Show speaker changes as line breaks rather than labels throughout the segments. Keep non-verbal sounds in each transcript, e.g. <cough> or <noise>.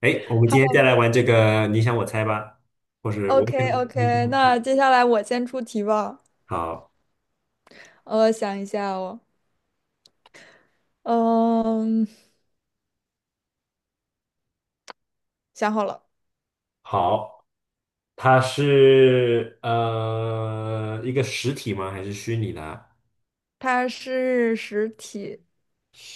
哎，我们
好
今天再
的。
来玩这个你想我猜吧，或是
o
我
k
想
o
你想
k
我猜。
那接下来我先出题吧。
好，
我想一下哦，嗯，想好了。
好，它是一个实体吗？还是虚拟的啊
它是实体，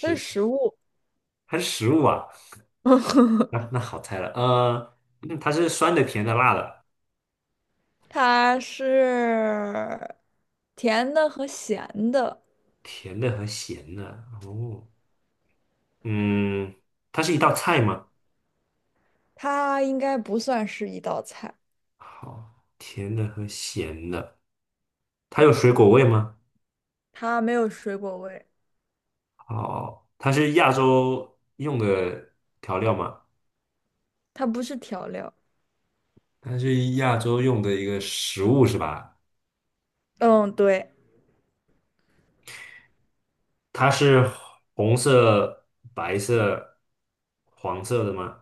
它是食物。
还是实物啊？
<laughs>
那、那好猜了，嗯它是酸的、甜的、辣的，
它是甜的和咸的，
甜的和咸的。哦，嗯，它是一道菜吗？
它应该不算是一道菜，
好，甜的和咸的，它有水果味吗？
它没有水果味，
好，它是亚洲用的调料吗？
它不是调料。
它是亚洲用的一个食物是吧？
嗯，对，
它是红色、白色、黄色的吗？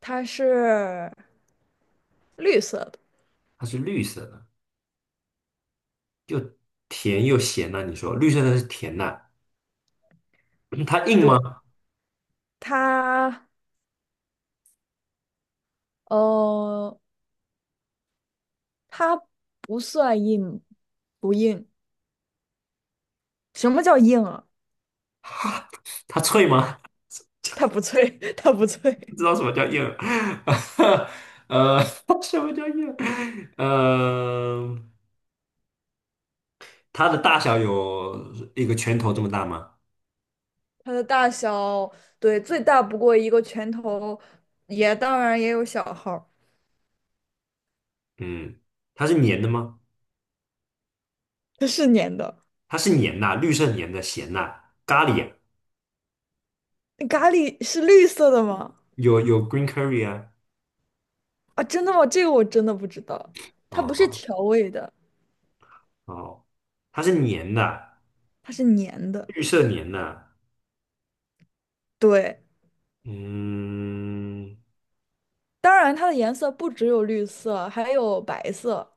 它是绿色的。
它是绿色的，甜又咸呐、你说绿色的是甜呐、<clears throat> 它硬
对，
吗？
它，呃。它不算硬，不硬。什么叫硬啊？
它脆吗？<laughs>
<laughs> 它不脆，<laughs> 它不
不
脆。
知道什么叫硬，<laughs> 呃，<laughs> 什么叫硬？呃，它的大小有一个拳头这么大吗？
它的大小，对，最大不过一个拳头，也当然也有小号儿。
嗯，它是黏的吗？
它是粘的。
它是黏呐、绿色黏的咸呐、咖喱啊
咖喱是绿色的吗？
有有 green curry 啊，
啊，真的吗？这个我真的不知道。它不是
哦。
调味的，
哦，它是粘的，
它是粘的。
绿色粘的，
对，
嗯，
当然它的颜色不只有绿色，还有白色，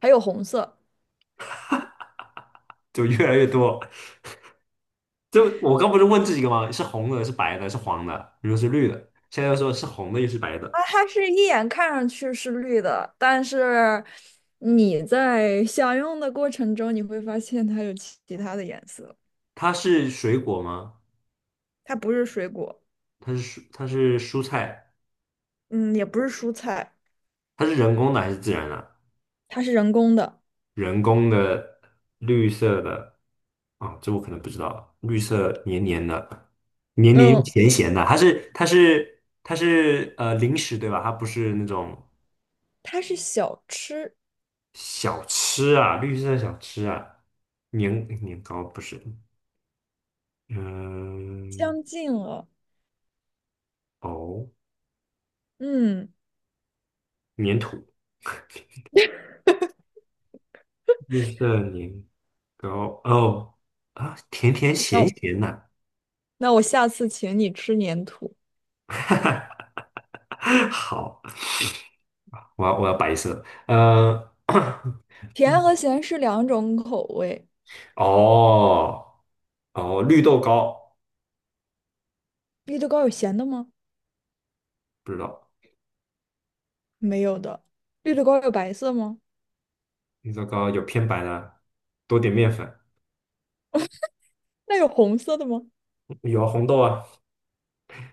还有红色。
就越来越多。就我刚不是问这几个吗？是红的，是白的，是黄的，你说是绿的，现在又说是红的，又是白的。
啊，它是一眼看上去是绿的，但是你在享用的过程中，你会发现它有其他的颜色。
它是水果吗？
它不是水果，
它是蔬，它是蔬菜，
嗯，也不是蔬菜，
它是人工的还是自然的？
它是人工的。
人工的绿色的啊，这我可能不知道。绿色黏黏的，黏黏又
嗯，
咸咸的，它是零食对吧？它不是那种。
它是小吃，
小吃啊，绿色小吃啊，年年糕不是，嗯，
相近了。
哦，
嗯，
粘土，绿色年糕，哦，啊，甜甜
那
咸
我
咸呐、
那我下次请你吃粘土。
<laughs> 好，我要白色，
甜和咸是两种口味。
<coughs> 哦，哦，绿豆糕，
绿豆糕有咸的吗？
不知道，
没有的。绿豆糕有白色吗？
绿豆糕有偏白的，多点面粉，
那有红色的吗？
有啊红豆啊，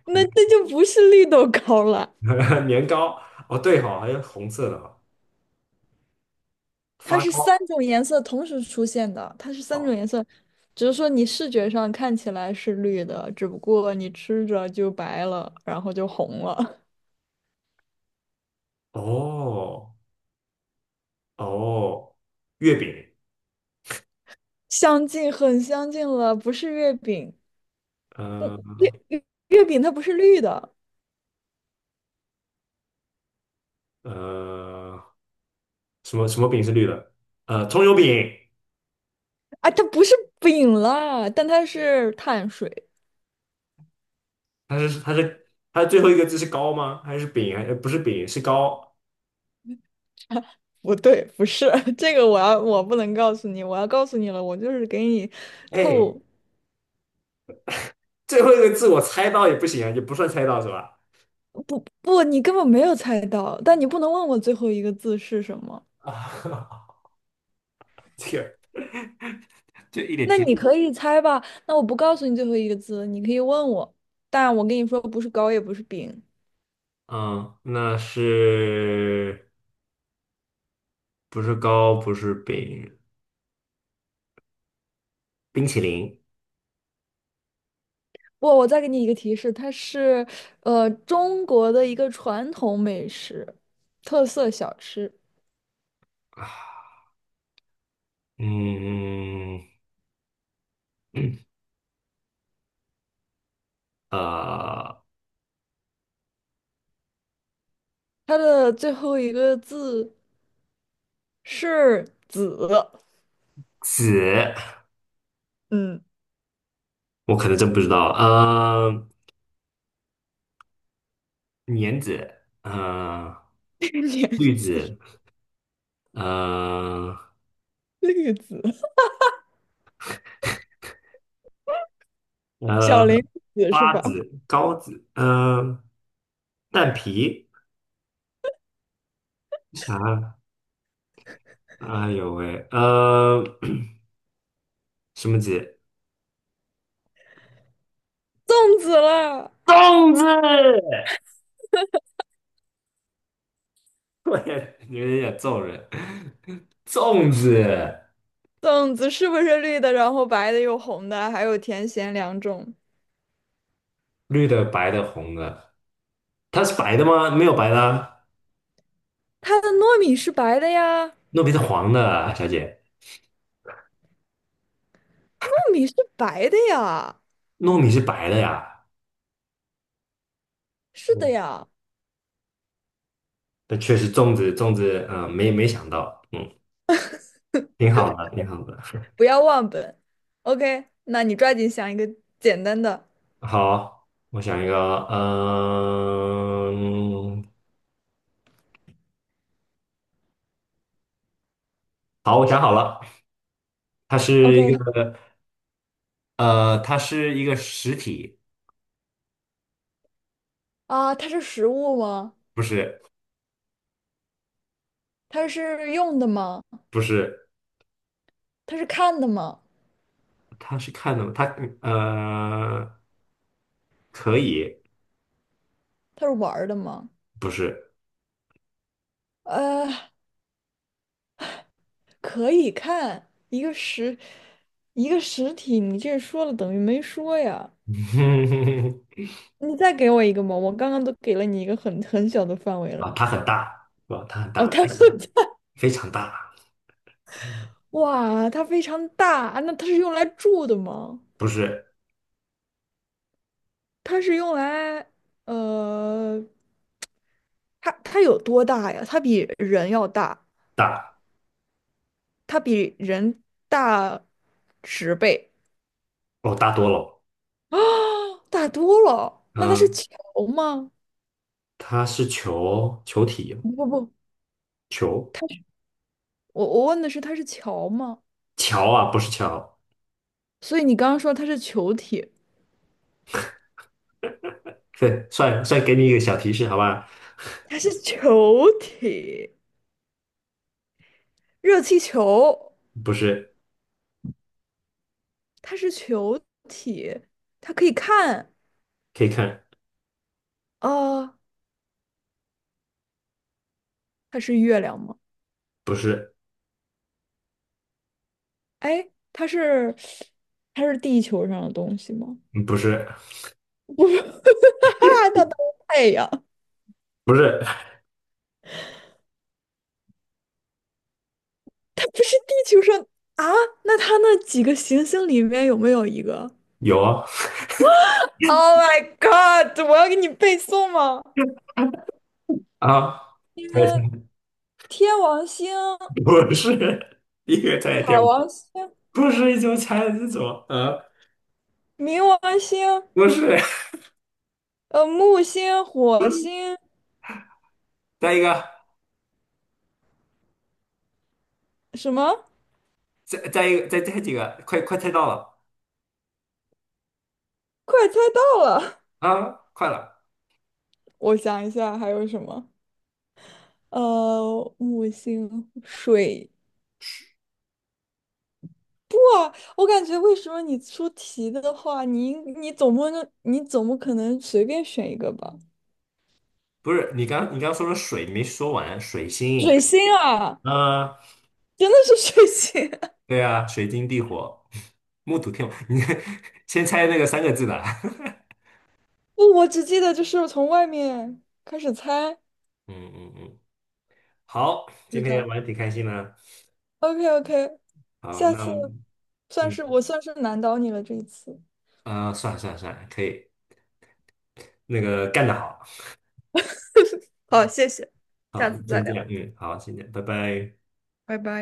那
红
那就不是绿豆糕了。
<laughs> 年糕，哦对哈、还有红色的哈、
它
发
是三
糕，
种颜色同时出现的，它是三种颜色，只是说你视觉上看起来是绿的，只不过你吃着就白了，然后就红了。
哦。哦，月饼，
<laughs> 相近很相近了，不是月饼，
呃
不月月月饼它不是绿的。
呃，什么什么饼是绿的？葱油饼，
啊，它不是饼啦，但它是碳水。
它最后一个字是糕吗？还是饼？还不是饼，是糕。
不对，不是 <laughs> 这个，我不能告诉你，我要告诉你了，我就是给你
哎，
透。
最后一个字我猜到也不行啊，也不算猜到是吧？
不不，你根本没有猜到，但你不能问我最后一个字是什么。
啊，<laughs> 这个就一点
那
提示。
你可以猜吧？那我不告诉你最后一个字，你可以问我，但我跟你说不是糕也不是饼。
嗯，那是不是糕？不是饼，冰淇淋
不，我再给你一个提示，它是中国的一个传统美食，特色小吃。
啊。嗯嗯，呃，
它的最后一个字是“子”。
紫，
嗯，
我可能真不知道。呃，莲子，嗯，
<laughs> 两
绿
字，
子，嗯，
绿子，
呃，
小林子是
八
吧？
子、高子，嗯，蛋皮，啥？哎呦喂，什么子？
粽子啦，
粽子！<laughs> 我也有点想揍人。粽子，
粽子是不是绿的？然后白的又红的，还有甜咸两种。
绿的、白的、红的，它是白的吗？没有白的啊
它的糯米是白的呀。
糯米是黄的啊小姐，
米是白的呀，
糯米是白的呀。
是的
嗯，
呀。
那确实，粽子，粽子，嗯、没没想到，嗯，挺好的，挺好的。
不要忘本。OK，那你抓紧想一个简单的。
好，我想一个，嗯，好，我想好了，它是一
OK，
个，它是一个实体，
啊，它是食物吗？
不是，
它是用的吗？
不是，
它是看的吗？
它是看的吗？它，呃，可以，
它是玩儿的吗？
不是，
呃，可以看一个实体，你这说了等于没说呀。
<laughs>
你再给我一个嘛，我刚刚都给了你一个很小的范围
啊，
了。
它很大，是吧？它很
哦，
大，
它 <laughs> 很
非常大，
哇，它非常大。那它是用来住的吗？
不是
它是用来，呃，它它有多大呀？它比人要大，
大，
它比人大10倍
哦，大多了，
啊。<gasps> 大多了。那它是
嗯，
球吗？
它是球，球体，
不不不，
球，
我问的是它是球吗？
桥啊，不是桥，
所以你刚刚说它是球体。
对，算算给你一个小提示，好吧？
它是球体，热气球，
不是。
它是球体，它可以看
可以看，
啊。呃它是月亮吗？
不是，
哎，它是它是地球上的东西吗？
嗯不是，
我说 <laughs> 哈哈是太阳，
不是，
它不是地球上啊？那它那几个行星里面有没有一个
有啊，
？Oh my god！我要给你背诵吗？
猜猜，
天天王星、
不是，第一个猜天
海
舞，
王星、
不是一种猜这种，啊？
冥王星、
不是，
呃木星、火星
再一个，
什么？
再再一个，再再几个，快快猜到了
快猜到了！
啊，快了，
<laughs> 我想一下还有什么？呃，木星、水我感觉为什么你出题的话，你应你总不能你总不可能随便选一个吧？
不是，你刚你刚说的水没说完，水
水
星，
星啊，
啊，
真的是水星！
对啊，水晶地火，木土天王，你 <laughs> 先猜那个三个字的，
<laughs> 不，我只记得就是从外面开始猜。
<laughs> 嗯嗯嗯，好，
是
今天
的。
玩的挺开心的，
OK OK，
好，
下
那
次
我们
算
嗯。
是我算是难倒你了这一次。
啊、算了算了算了，可以，那个干得好，
好，谢谢，下
好，
次再
先这
聊，
样，嗯，好，先这样，拜拜。
拜拜。